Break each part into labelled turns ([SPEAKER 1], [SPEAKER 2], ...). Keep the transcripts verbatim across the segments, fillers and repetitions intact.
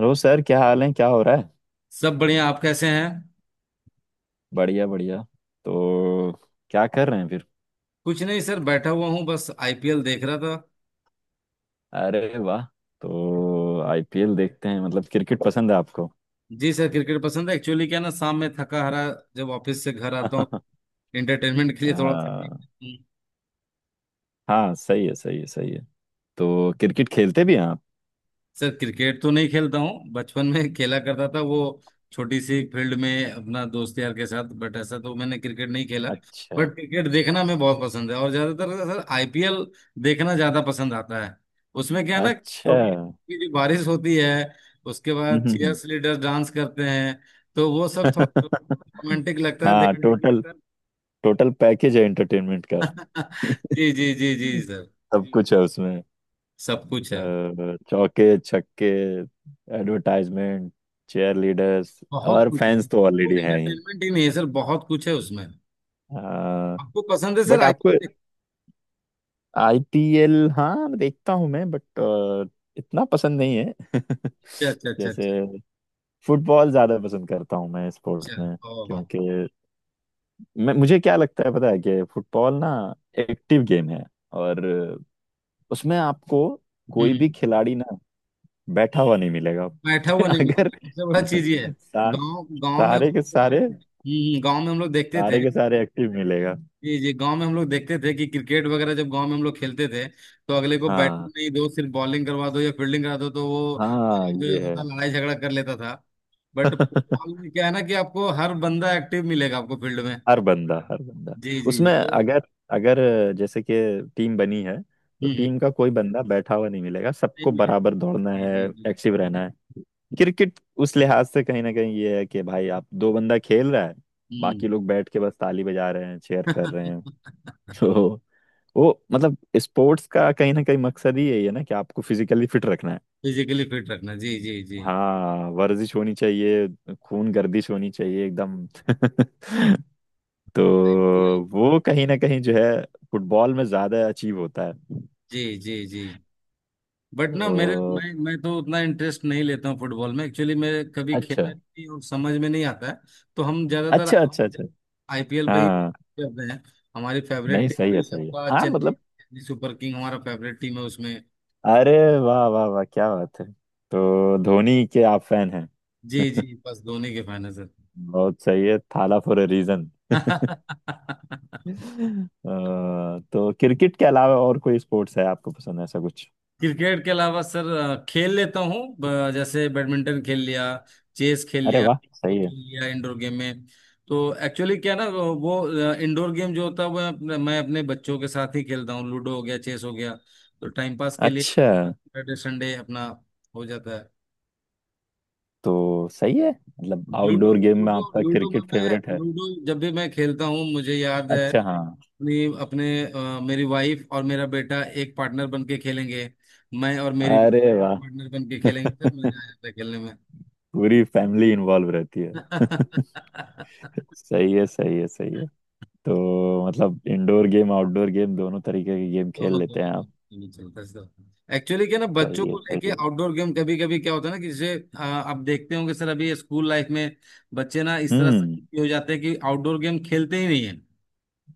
[SPEAKER 1] Hello sir, क्या हाल है? क्या हो रहा है?
[SPEAKER 2] सब बढ़िया। आप कैसे हैं।
[SPEAKER 1] बढ़िया बढ़िया। तो क्या कर रहे हैं फिर?
[SPEAKER 2] कुछ नहीं सर, बैठा हुआ हूँ बस आईपीएल देख रहा था।
[SPEAKER 1] अरे वाह। तो आईपीएल देखते हैं, मतलब क्रिकेट पसंद है आपको?
[SPEAKER 2] जी सर, क्रिकेट पसंद है। एक्चुअली क्या है ना, शाम में थका हारा जब ऑफिस से घर आता हूँ, एंटरटेनमेंट के लिए थोड़ा
[SPEAKER 1] हाँ
[SPEAKER 2] सा।
[SPEAKER 1] हाँ, सही है, सही है, सही है। तो क्रिकेट खेलते भी हैं आप?
[SPEAKER 2] सर क्रिकेट तो नहीं खेलता हूँ, बचपन में खेला करता था वो छोटी सी फील्ड में अपना दोस्त यार के साथ। बट ऐसा तो मैंने क्रिकेट नहीं खेला।
[SPEAKER 1] अच्छा
[SPEAKER 2] बट क्रिकेट देखना मैं बहुत पसंद है और ज्यादातर सर आईपीएल देखना ज्यादा पसंद आता है। उसमें क्या है ना,
[SPEAKER 1] अच्छा।
[SPEAKER 2] ट्रॉफी
[SPEAKER 1] हम्म
[SPEAKER 2] की जो बारिश होती है उसके
[SPEAKER 1] हम्म,
[SPEAKER 2] बाद
[SPEAKER 1] हम्म।
[SPEAKER 2] चीयर्स लीडर्स डांस करते हैं, तो वो सब थोड़ा रोमांटिक लगता है
[SPEAKER 1] हाँ,
[SPEAKER 2] देखने में।
[SPEAKER 1] टोटल टोटल पैकेज है एंटरटेनमेंट का।
[SPEAKER 2] जी जी जी जी सर।
[SPEAKER 1] सब कुछ है उसमें।
[SPEAKER 2] सब कुछ है।
[SPEAKER 1] अ, चौके छक्के, एडवर्टाइजमेंट, चेयर लीडर्स।
[SPEAKER 2] बहुत
[SPEAKER 1] और
[SPEAKER 2] कुछ है
[SPEAKER 1] फैंस तो
[SPEAKER 2] सर, तो
[SPEAKER 1] ऑलरेडी हैं।
[SPEAKER 2] एंटरटेनमेंट ही नहीं है सर, बहुत कुछ है उसमें।
[SPEAKER 1] हाँ,
[SPEAKER 2] आपको पसंद है सर?
[SPEAKER 1] But
[SPEAKER 2] I.
[SPEAKER 1] आपको आईपीएल? हाँ, देखता हूँ मैं, बट इतना पसंद नहीं है।
[SPEAKER 2] अच्छा अच्छा अच्छा
[SPEAKER 1] जैसे
[SPEAKER 2] अच्छा।
[SPEAKER 1] फुटबॉल ज्यादा पसंद करता हूँ मैं स्पोर्ट्स
[SPEAKER 2] अच्छा
[SPEAKER 1] में।
[SPEAKER 2] ओ।
[SPEAKER 1] क्योंकि मैं मुझे क्या लगता है पता है? कि फुटबॉल ना एक्टिव गेम है। और उसमें आपको कोई भी
[SPEAKER 2] हम्म।
[SPEAKER 1] खिलाड़ी ना बैठा हुआ नहीं मिलेगा।
[SPEAKER 2] बैठा हुआ नहीं मिलता,
[SPEAKER 1] अगर
[SPEAKER 2] सबसे बड़ा चीज ये है।
[SPEAKER 1] सा,
[SPEAKER 2] गांव गांव में हम
[SPEAKER 1] सारे
[SPEAKER 2] लोग
[SPEAKER 1] के
[SPEAKER 2] देखते
[SPEAKER 1] सारे,
[SPEAKER 2] थे, हम्म, गांव में हम लोग देखते
[SPEAKER 1] सारे
[SPEAKER 2] थे।
[SPEAKER 1] के सारे एक्टिव मिलेगा।
[SPEAKER 2] जी जी, गांव में हम लोग देखते थे कि क्रिकेट वगैरह जब गांव में हम लोग खेलते थे तो अगले को बैटिंग
[SPEAKER 1] हाँ
[SPEAKER 2] नहीं दो, सिर्फ बॉलिंग करवा दो या फील्डिंग करा दो, तो वो
[SPEAKER 1] हाँ,
[SPEAKER 2] जो जाता था
[SPEAKER 1] ये
[SPEAKER 2] लड़ाई झगड़ा कर लेता था।
[SPEAKER 1] है।
[SPEAKER 2] बट फुटबॉल में क्या है ना कि आपको हर बंदा एक्टिव मिलेगा आपको फील्ड में।
[SPEAKER 1] हर बंदा, हर बंदा।
[SPEAKER 2] जी जी जी।
[SPEAKER 1] उसमें
[SPEAKER 2] तो
[SPEAKER 1] अगर अगर जैसे कि टीम बनी है, तो
[SPEAKER 2] हम्म हम्म,
[SPEAKER 1] टीम का कोई बंदा बैठा हुआ नहीं मिलेगा,
[SPEAKER 2] नहीं
[SPEAKER 1] सबको
[SPEAKER 2] मिलेगा।
[SPEAKER 1] बराबर दौड़ना
[SPEAKER 2] जी
[SPEAKER 1] है,
[SPEAKER 2] जी जी।
[SPEAKER 1] एक्टिव रहना है। क्रिकेट उस लिहाज से कहीं ना कहीं ये है कि भाई आप दो बंदा खेल रहा है,
[SPEAKER 2] हम्म।
[SPEAKER 1] बाकी लोग बैठ के बस ताली बजा रहे हैं, चेयर कर रहे हैं। तो वो मतलब स्पोर्ट्स का कहीं ना कहीं मकसद ही यही है ना कि आपको फिजिकली फिट रखना है।
[SPEAKER 2] फिजिकली फिट रखना, जी जी जी।
[SPEAKER 1] हाँ, वर्जिश होनी चाहिए, खून गर्दिश होनी चाहिए एकदम। तो
[SPEAKER 2] आईपीएल।
[SPEAKER 1] वो कहीं ना कहीं जो है, फुटबॉल में ज्यादा अचीव होता है।
[SPEAKER 2] जी जी जी, बट ना मेरे
[SPEAKER 1] तो
[SPEAKER 2] मैं मैं तो उतना इंटरेस्ट नहीं लेता हूँ फुटबॉल में, एक्चुअली मैं कभी
[SPEAKER 1] अच्छा
[SPEAKER 2] खेला भी नहीं और समझ में नहीं आता है, तो हम ज्यादातर
[SPEAKER 1] अच्छा अच्छा अच्छा।
[SPEAKER 2] आईपीएल पे ही
[SPEAKER 1] हाँ
[SPEAKER 2] करते हैं। हमारी फेवरेट
[SPEAKER 1] नहीं,
[SPEAKER 2] टीम
[SPEAKER 1] सही
[SPEAKER 2] भी
[SPEAKER 1] है सही है।
[SPEAKER 2] आपका
[SPEAKER 1] हाँ,
[SPEAKER 2] चेन्नई
[SPEAKER 1] मतलब
[SPEAKER 2] चेन्नई सुपर किंग हमारा फेवरेट टीम है उसमें।
[SPEAKER 1] अरे वाह वाह वाह, क्या बात है। तो धोनी के आप फैन हैं।
[SPEAKER 2] जी जी, बस धोनी के फैन है सर।
[SPEAKER 1] बहुत सही है, थाला फॉर अ रीजन। तो क्रिकेट के अलावा और कोई स्पोर्ट्स है आपको पसंद, ऐसा कुछ?
[SPEAKER 2] क्रिकेट के अलावा सर अ, खेल लेता हूँ। ब- जैसे बैडमिंटन खेल लिया, चेस खेल
[SPEAKER 1] अरे
[SPEAKER 2] लिया,
[SPEAKER 1] वाह,
[SPEAKER 2] वो
[SPEAKER 1] सही है।
[SPEAKER 2] खेल लिया इंडोर गेम में। तो एक्चुअली क्या ना वो वो, अ, इंडोर गेम जो होता है वो अपने, मैं अपने बच्चों के साथ ही खेलता हूँ। लूडो हो गया, चेस हो गया, तो टाइम पास के लिए
[SPEAKER 1] अच्छा।
[SPEAKER 2] सैटरडे संडे अपना हो जाता है।
[SPEAKER 1] तो सही है, मतलब
[SPEAKER 2] लूडो।
[SPEAKER 1] आउटडोर गेम में
[SPEAKER 2] लूडो,
[SPEAKER 1] आपका
[SPEAKER 2] लूडो में
[SPEAKER 1] क्रिकेट
[SPEAKER 2] मैं
[SPEAKER 1] फेवरेट है।
[SPEAKER 2] लूडो जब भी मैं खेलता हूँ मुझे याद है।
[SPEAKER 1] अच्छा हाँ।
[SPEAKER 2] अपनी अपने अ, मेरी वाइफ और मेरा बेटा एक पार्टनर बन के खेलेंगे। मैं और मेरी
[SPEAKER 1] अरे वाह,
[SPEAKER 2] पार्टनर बन के खेलेंगे सर,
[SPEAKER 1] पूरी
[SPEAKER 2] मजा आ जाता है खेलने में।
[SPEAKER 1] फैमिली इन्वॉल्व रहती है। सही है, सही है, सही है। तो मतलब इंडोर गेम आउटडोर गेम दोनों तरीके के गेम
[SPEAKER 2] दोनों
[SPEAKER 1] खेल लेते
[SPEAKER 2] दोनों
[SPEAKER 1] हैं आप।
[SPEAKER 2] दोनों। दोनों चलता है। एक्चुअली क्या ना, बच्चों
[SPEAKER 1] सही है,
[SPEAKER 2] को
[SPEAKER 1] सही
[SPEAKER 2] लेके
[SPEAKER 1] है।
[SPEAKER 2] आउटडोर गेम, कभी कभी क्या होता है ना कि जैसे अ, आप देखते होंगे सर, अभी स्कूल लाइफ में बच्चे ना इस तरह
[SPEAKER 1] हम्म।
[SPEAKER 2] से हो जाते हैं कि आउटडोर गेम खेलते ही नहीं है।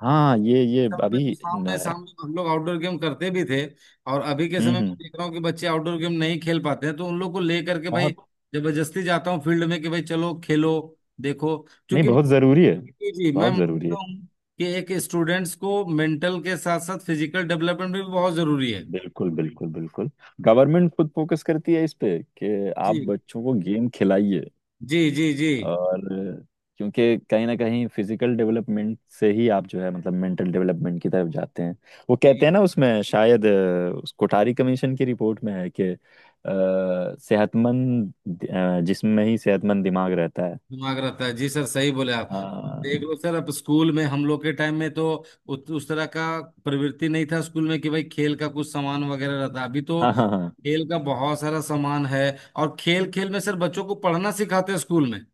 [SPEAKER 1] हाँ, ये
[SPEAKER 2] के
[SPEAKER 1] ये
[SPEAKER 2] समय में तो
[SPEAKER 1] अभी
[SPEAKER 2] शाम में
[SPEAKER 1] न,
[SPEAKER 2] शाम में हम लोग आउटडोर गेम करते भी थे और अभी के समय
[SPEAKER 1] हम्म
[SPEAKER 2] में
[SPEAKER 1] हम्म,
[SPEAKER 2] देख रहा हूँ कि बच्चे आउटडोर गेम नहीं खेल पाते हैं, तो उन लोग को ले करके भाई
[SPEAKER 1] बहुत।
[SPEAKER 2] जबरदस्ती जाता हूँ फील्ड में कि भाई चलो खेलो, देखो।
[SPEAKER 1] नहीं,
[SPEAKER 2] क्योंकि
[SPEAKER 1] बहुत जरूरी है,
[SPEAKER 2] जी मैं
[SPEAKER 1] बहुत जरूरी
[SPEAKER 2] मानता
[SPEAKER 1] है।
[SPEAKER 2] हूँ कि एक स्टूडेंट्स को मेंटल के साथ साथ फिजिकल डेवलपमेंट भी बहुत जरूरी है।
[SPEAKER 1] बिल्कुल बिल्कुल बिल्कुल। गवर्नमेंट खुद फोकस करती है इस पे, कि आप
[SPEAKER 2] जी
[SPEAKER 1] बच्चों को गेम खिलाइए।
[SPEAKER 2] जी जी जी
[SPEAKER 1] और क्योंकि कहीं ना कहीं फिजिकल डेवलपमेंट से ही आप जो है मतलब मेंटल डेवलपमेंट की तरफ जाते हैं। वो कहते
[SPEAKER 2] जी।
[SPEAKER 1] हैं ना, उसमें शायद अ, उस कोठारी कमीशन की रिपोर्ट में है कि अ, सेहतमंद अ, जिस्म में ही सेहतमंद दिमाग रहता है।
[SPEAKER 2] दिमाग रहता है जी सर, सही बोले आप। अब देख
[SPEAKER 1] हाँ
[SPEAKER 2] लो सर, अब स्कूल में हम लोग के टाइम में तो उत, उस तरह का प्रवृत्ति नहीं था स्कूल में कि भाई खेल का कुछ सामान वगैरह रहता। अभी तो
[SPEAKER 1] हाँ हाँ। हाँ
[SPEAKER 2] खेल का बहुत सारा सामान है और खेल खेल में सर बच्चों को पढ़ना सिखाते हैं स्कूल में।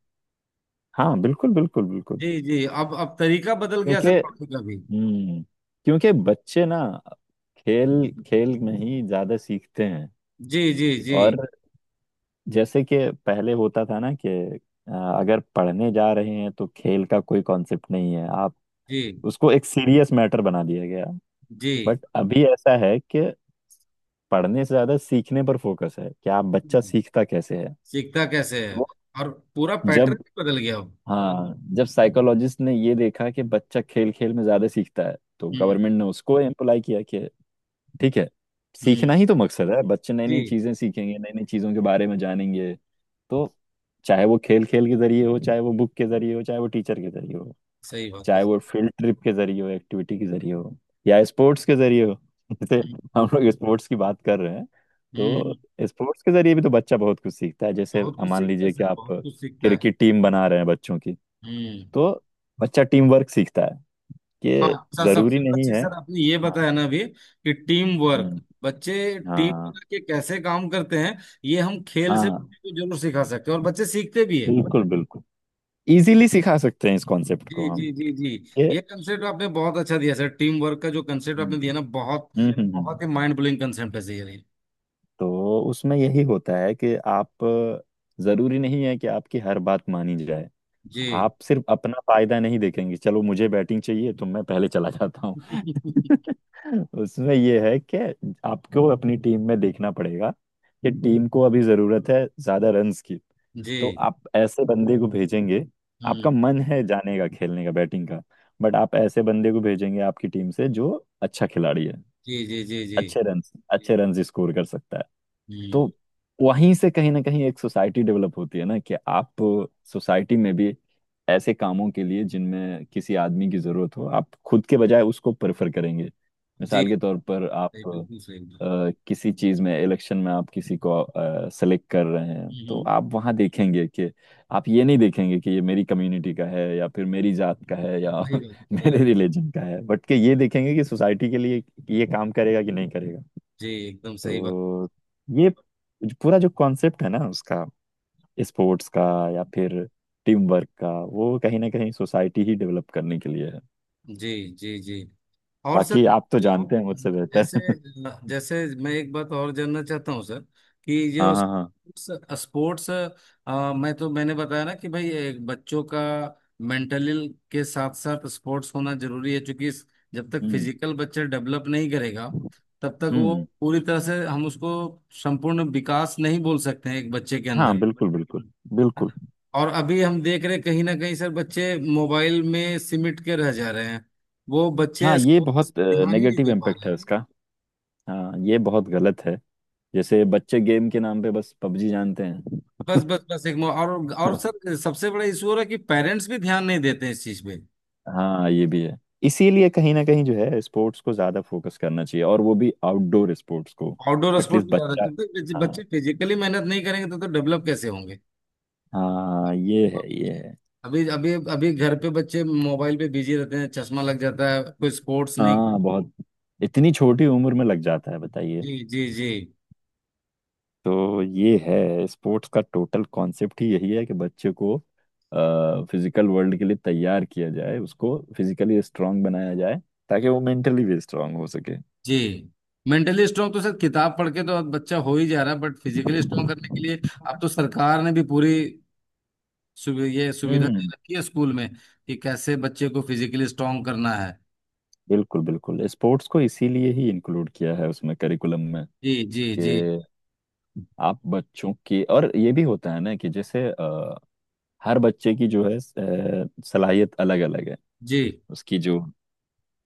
[SPEAKER 1] हाँ, बिल्कुल बिल्कुल बिल्कुल।
[SPEAKER 2] जी जी, अब अब तरीका बदल गया
[SPEAKER 1] क्योंकि
[SPEAKER 2] सर पढ़ने का भी।
[SPEAKER 1] हम्म, क्योंकि बच्चे ना खेल खेल में ही ज्यादा सीखते हैं।
[SPEAKER 2] जी जी जी
[SPEAKER 1] और जैसे कि पहले होता था ना कि अ, अगर पढ़ने जा रहे हैं तो खेल का कोई कॉन्सेप्ट नहीं है, आप
[SPEAKER 2] जी
[SPEAKER 1] उसको एक सीरियस मैटर बना दिया गया।
[SPEAKER 2] जी।
[SPEAKER 1] बट अभी ऐसा है कि पढ़ने से ज्यादा सीखने पर फोकस है कि आप बच्चा
[SPEAKER 2] हम्म,
[SPEAKER 1] सीखता कैसे है।
[SPEAKER 2] सीखता कैसे है,
[SPEAKER 1] तो
[SPEAKER 2] और पूरा
[SPEAKER 1] जब
[SPEAKER 2] पैटर्न बदल गया अब।
[SPEAKER 1] हाँ जब साइकोलॉजिस्ट ने ये देखा कि बच्चा खेल खेल में ज्यादा सीखता है, तो
[SPEAKER 2] हम्म
[SPEAKER 1] गवर्नमेंट ने उसको एम्प्लाई किया कि ठीक है,
[SPEAKER 2] हम्म।
[SPEAKER 1] सीखना ही तो मकसद है, बच्चे नई
[SPEAKER 2] जी,
[SPEAKER 1] नई चीजें सीखेंगे, नई नई चीजों के बारे में जानेंगे। तो चाहे वो खेल खेल के जरिए हो, चाहे वो बुक के जरिए हो, चाहे वो टीचर के जरिए हो,
[SPEAKER 2] सही बात है
[SPEAKER 1] चाहे
[SPEAKER 2] सर।
[SPEAKER 1] वो फील्ड ट्रिप के जरिए हो, एक्टिविटी के जरिए हो, या स्पोर्ट्स के जरिए हो। जैसे
[SPEAKER 2] हम्म
[SPEAKER 1] हम लोग स्पोर्ट्स की बात कर रहे हैं।
[SPEAKER 2] हम्म
[SPEAKER 1] तो
[SPEAKER 2] हम्म।
[SPEAKER 1] स्पोर्ट्स के जरिए भी तो बच्चा बहुत कुछ सीखता है। जैसे
[SPEAKER 2] बहुत
[SPEAKER 1] अ,
[SPEAKER 2] कुछ
[SPEAKER 1] मान
[SPEAKER 2] सीखता है
[SPEAKER 1] लीजिए कि
[SPEAKER 2] सर,
[SPEAKER 1] आप
[SPEAKER 2] बहुत कुछ सीखता है।
[SPEAKER 1] क्रिकेट टीम बना रहे हैं बच्चों की,
[SPEAKER 2] हम्म।
[SPEAKER 1] तो बच्चा टीम वर्क सीखता है कि
[SPEAKER 2] हाँ सर,
[SPEAKER 1] जरूरी
[SPEAKER 2] सबसे
[SPEAKER 1] नहीं
[SPEAKER 2] अच्छी
[SPEAKER 1] है।
[SPEAKER 2] सर आपने ये
[SPEAKER 1] हाँ,
[SPEAKER 2] बताया ना अभी कि टीम वर्क,
[SPEAKER 1] हम्म।
[SPEAKER 2] बच्चे टीम
[SPEAKER 1] हाँ
[SPEAKER 2] बना के कैसे काम करते हैं ये हम खेल से
[SPEAKER 1] हाँ,
[SPEAKER 2] बच्चे को जरूर सिखा सकते हैं और बच्चे सीखते भी है।
[SPEAKER 1] बिल्कुल बिल्कुल। इजीली सिखा सकते हैं इस कॉन्सेप्ट को
[SPEAKER 2] जी
[SPEAKER 1] हम
[SPEAKER 2] जी जी जी,
[SPEAKER 1] कि
[SPEAKER 2] ये कंसेप्ट आपने बहुत अच्छा दिया सर, टीम वर्क का जो कंसेप्ट
[SPEAKER 1] हम्म
[SPEAKER 2] आपने दिया ना, बहुत
[SPEAKER 1] हम्म हम्म,
[SPEAKER 2] बहुत ही
[SPEAKER 1] हम्म।
[SPEAKER 2] माइंड ब्लोइंग कंसेप्ट है सर ये।
[SPEAKER 1] तो उसमें यही होता है कि आप, जरूरी नहीं है कि आपकी हर बात मानी जाए।
[SPEAKER 2] जी।
[SPEAKER 1] आप सिर्फ अपना फायदा नहीं देखेंगे, चलो मुझे बैटिंग चाहिए तो मैं पहले चला जाता हूँ। उसमें यह है कि आपको अपनी टीम में देखना पड़ेगा कि टीम को अभी जरूरत है ज्यादा रन्स की।
[SPEAKER 2] जी।
[SPEAKER 1] तो आप ऐसे बंदे को भेजेंगे,
[SPEAKER 2] हम्म।
[SPEAKER 1] आपका मन है जाने का, खेलने का, बैटिंग का, बट आप ऐसे बंदे को भेजेंगे आपकी टीम से जो अच्छा खिलाड़ी है,
[SPEAKER 2] जी जी जी जी।
[SPEAKER 1] अच्छे रन अच्छे रन स्कोर कर सकता है।
[SPEAKER 2] हम्म।
[SPEAKER 1] तो वहीं से कहीं ना कहीं एक सोसाइटी डेवलप होती है ना, कि आप सोसाइटी में भी ऐसे कामों के लिए जिनमें किसी आदमी की जरूरत हो, आप खुद के बजाय उसको प्रेफर करेंगे।
[SPEAKER 2] जी,
[SPEAKER 1] मिसाल के तौर पर
[SPEAKER 2] सही
[SPEAKER 1] आप
[SPEAKER 2] बिल्कुल सही बात।
[SPEAKER 1] अ, किसी चीज में, इलेक्शन में आप किसी को सेलेक्ट कर रहे हैं, तो
[SPEAKER 2] हम्म।
[SPEAKER 1] आप वहां देखेंगे कि आप ये नहीं देखेंगे कि ये मेरी कम्युनिटी का है या फिर मेरी जात का है या
[SPEAKER 2] सही बात, सही बात।
[SPEAKER 1] मेरे रिलीजन का है, बट कि ये देखेंगे कि सोसाइटी के लिए ये काम करेगा कि नहीं करेगा।
[SPEAKER 2] जी एकदम सही बात।
[SPEAKER 1] तो ये पूरा जो कॉन्सेप्ट है ना उसका, स्पोर्ट्स का या फिर टीम वर्क का, वो कहीं ना कहीं सोसाइटी ही डेवलप करने के लिए है।
[SPEAKER 2] जी जी जी। और सर
[SPEAKER 1] बाकी आप तो जानते हैं मुझसे
[SPEAKER 2] जैसे,
[SPEAKER 1] बेहतर।
[SPEAKER 2] जैसे मैं एक बात और जानना चाहता हूँ सर, कि जो
[SPEAKER 1] हाँ हाँ हाँ।
[SPEAKER 2] स्पोर्ट्स, मैं तो मैंने बताया ना कि भाई एक बच्चों का मेंटली के साथ साथ स्पोर्ट्स होना जरूरी है। क्योंकि इस- जब तक
[SPEAKER 1] हम्म
[SPEAKER 2] फिजिकल बच्चा डेवलप नहीं करेगा तब तक वो
[SPEAKER 1] हम्म।
[SPEAKER 2] पूरी तरह से हम उसको संपूर्ण विकास नहीं बोल सकते हैं एक बच्चे के
[SPEAKER 1] हाँ,
[SPEAKER 2] अंदर।
[SPEAKER 1] बिल्कुल बिल्कुल बिल्कुल।
[SPEAKER 2] और अभी हम देख रहे कहीं ना कहीं सर बच्चे मोबाइल में सिमट के रह जा रहे हैं, वो बच्चे
[SPEAKER 1] हाँ, ये तो बहुत
[SPEAKER 2] ध्यान ही नहीं
[SPEAKER 1] नेगेटिव
[SPEAKER 2] दे पा
[SPEAKER 1] इम्पैक्ट
[SPEAKER 2] रहे
[SPEAKER 1] है
[SPEAKER 2] हैं।
[SPEAKER 1] उसका। हाँ, ये बहुत गलत है। जैसे बच्चे गेम के नाम पे बस पबजी जानते हैं।
[SPEAKER 2] बस बस बस, एक मो- और और सर सबसे बड़ा इशू हो रहा है कि पेरेंट्स भी ध्यान नहीं देते हैं इस चीज पे।
[SPEAKER 1] हाँ, ये भी है। इसीलिए कहीं ना कहीं जो है स्पोर्ट्स को ज्यादा फोकस करना चाहिए, और वो भी आउटडोर स्पोर्ट्स को।
[SPEAKER 2] आउटडोर स्पोर्ट्स,
[SPEAKER 1] एटलीस्ट बच्चा,
[SPEAKER 2] जब तक बच्चे
[SPEAKER 1] हाँ
[SPEAKER 2] बच्चे फिजिकली मेहनत नहीं करेंगे तो तो डेवलप कैसे होंगे।
[SPEAKER 1] हाँ, ये
[SPEAKER 2] देखो,
[SPEAKER 1] है ये है।
[SPEAKER 2] अभी अभी अभी घर पे बच्चे मोबाइल पे बिजी रहते हैं, चश्मा लग जाता है, कोई स्पोर्ट्स नहीं।
[SPEAKER 1] हाँ, बहुत। इतनी छोटी उम्र में लग जाता है, बताइए।
[SPEAKER 2] जी जी जी
[SPEAKER 1] तो ये है, स्पोर्ट्स का टोटल कॉन्सेप्ट ही यही है कि बच्चे को फिजिकल वर्ल्ड के लिए तैयार किया जाए, उसको फिजिकली स्ट्रांग बनाया जाए, ताकि वो मेंटली भी स्ट्रांग हो सके।
[SPEAKER 2] जी। मेंटली स्ट्रांग तो सर किताब पढ़ के तो अब बच्चा हो ही जा रहा है, बट फिजिकली स्ट्रांग
[SPEAKER 1] हम्म।
[SPEAKER 2] करने के लिए अब तो सरकार ने भी पूरी सुवि, ये सुविधा दे रखी है स्कूल में कि कैसे बच्चे को फिजिकली स्ट्रांग करना है।
[SPEAKER 1] बिल्कुल बिल्कुल, स्पोर्ट्स को इसीलिए ही इंक्लूड किया है उसमें, करिकुलम में,
[SPEAKER 2] जी जी
[SPEAKER 1] कि
[SPEAKER 2] जी
[SPEAKER 1] आप बच्चों के। और ये भी होता है ना कि जैसे अ, हर बच्चे की जो है अ, सलाहियत अलग अलग है।
[SPEAKER 2] जी।
[SPEAKER 1] उसकी जो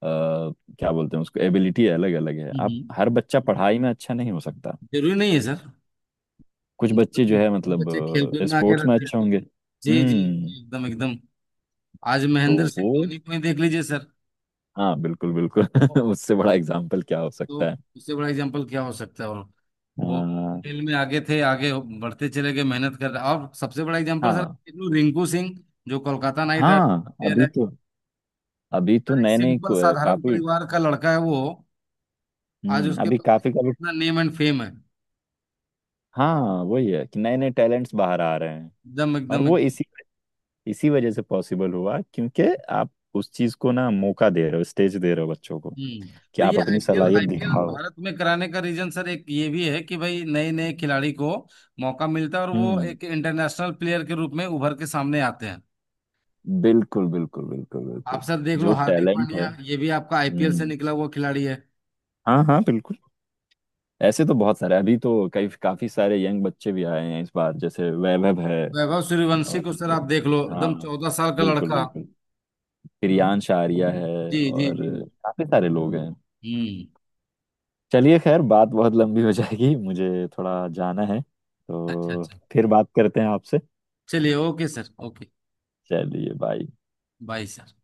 [SPEAKER 1] क्या बोलते हैं उसको, एबिलिटी अलग अलग है। आप
[SPEAKER 2] हम्म,
[SPEAKER 1] हर बच्चा पढ़ाई में अच्छा नहीं हो सकता,
[SPEAKER 2] जरूरी नहीं है सर।
[SPEAKER 1] कुछ
[SPEAKER 2] जरूरत
[SPEAKER 1] बच्चे जो
[SPEAKER 2] नहीं
[SPEAKER 1] है
[SPEAKER 2] है।
[SPEAKER 1] मतलब
[SPEAKER 2] बच्चे खेल कूद में आके
[SPEAKER 1] स्पोर्ट्स में
[SPEAKER 2] रहते हैं।
[SPEAKER 1] अच्छे होंगे।
[SPEAKER 2] जी जी
[SPEAKER 1] हम्म।
[SPEAKER 2] जी, एकदम एकदम। आज
[SPEAKER 1] तो
[SPEAKER 2] महेंद्र
[SPEAKER 1] वो
[SPEAKER 2] सिंह धोनी को ही देख लीजिए सर,
[SPEAKER 1] हाँ, बिल्कुल बिल्कुल। उससे बड़ा एग्जाम्पल क्या हो
[SPEAKER 2] तो
[SPEAKER 1] सकता है?
[SPEAKER 2] उससे बड़ा एग्जाम्पल क्या हो सकता है। और
[SPEAKER 1] आ,
[SPEAKER 2] वो खेल में आगे थे, आगे बढ़ते चले गए, मेहनत कर रहे। और सबसे बड़ा एग्जाम्पल सर,
[SPEAKER 1] हाँ
[SPEAKER 2] देखो, रिंकू सिंह जो कोलकाता नाइट
[SPEAKER 1] हाँ,
[SPEAKER 2] राइडर
[SPEAKER 1] अभी
[SPEAKER 2] है।
[SPEAKER 1] तो, अभी तो
[SPEAKER 2] सर एक
[SPEAKER 1] नए नए
[SPEAKER 2] सिंपल
[SPEAKER 1] को-
[SPEAKER 2] साधारण
[SPEAKER 1] काफी।
[SPEAKER 2] परिवार का लड़का है वो, आज
[SPEAKER 1] हम्म,
[SPEAKER 2] उसके
[SPEAKER 1] अभी
[SPEAKER 2] पास
[SPEAKER 1] काफी काफी।
[SPEAKER 2] इतना नेम एंड फेम है।
[SPEAKER 1] हाँ, वही है कि नए नए टैलेंट्स बाहर आ रहे हैं।
[SPEAKER 2] एकदम
[SPEAKER 1] और
[SPEAKER 2] एकदम
[SPEAKER 1] वो
[SPEAKER 2] एकदम।
[SPEAKER 1] इसी, इसी वजह से पॉसिबल हुआ क्योंकि आप उस चीज को ना मौका दे रहे हो, स्टेज दे रहे हो बच्चों को
[SPEAKER 2] हम्म,
[SPEAKER 1] कि
[SPEAKER 2] तो ये
[SPEAKER 1] आप अपनी
[SPEAKER 2] आईपीएल,
[SPEAKER 1] सलाहियत
[SPEAKER 2] आईपीएल
[SPEAKER 1] दिखाओ।
[SPEAKER 2] भारत में कराने का रीजन सर एक ये भी है कि भाई नए नए खिलाड़ी को मौका मिलता है और वो
[SPEAKER 1] हम्म,
[SPEAKER 2] एक इंटरनेशनल प्लेयर के रूप में उभर के सामने आते हैं।
[SPEAKER 1] बिल्कुल बिल्कुल बिल्कुल बिल्कुल।
[SPEAKER 2] आप सर देख लो,
[SPEAKER 1] जो
[SPEAKER 2] हार्दिक
[SPEAKER 1] टैलेंट है।
[SPEAKER 2] पांड्या ये भी आपका आईपीएल से
[SPEAKER 1] हम्म।
[SPEAKER 2] निकला हुआ खिलाड़ी है।
[SPEAKER 1] हाँ हाँ, बिल्कुल। ऐसे तो बहुत सारे अभी तो, कई काफी सारे यंग बच्चे भी आए हैं इस बार, जैसे वैभव है।
[SPEAKER 2] वैभव सूर्यवंशी
[SPEAKER 1] और
[SPEAKER 2] को सर आप देख लो, एकदम
[SPEAKER 1] हाँ,
[SPEAKER 2] चौदह साल का
[SPEAKER 1] बिल्कुल
[SPEAKER 2] लड़का।
[SPEAKER 1] बिल्कुल। प्रियांश आर्या है,
[SPEAKER 2] जी जी
[SPEAKER 1] और
[SPEAKER 2] जी।
[SPEAKER 1] काफी सारे लोग हैं।
[SPEAKER 2] हम्म।
[SPEAKER 1] चलिए, खैर बात बहुत लंबी हो जाएगी, मुझे थोड़ा जाना है,
[SPEAKER 2] अच्छा
[SPEAKER 1] तो
[SPEAKER 2] अच्छा।
[SPEAKER 1] फिर बात करते हैं आपसे।
[SPEAKER 2] चलिए, ओके सर ओके।
[SPEAKER 1] चलिए बाय।
[SPEAKER 2] Bye sir.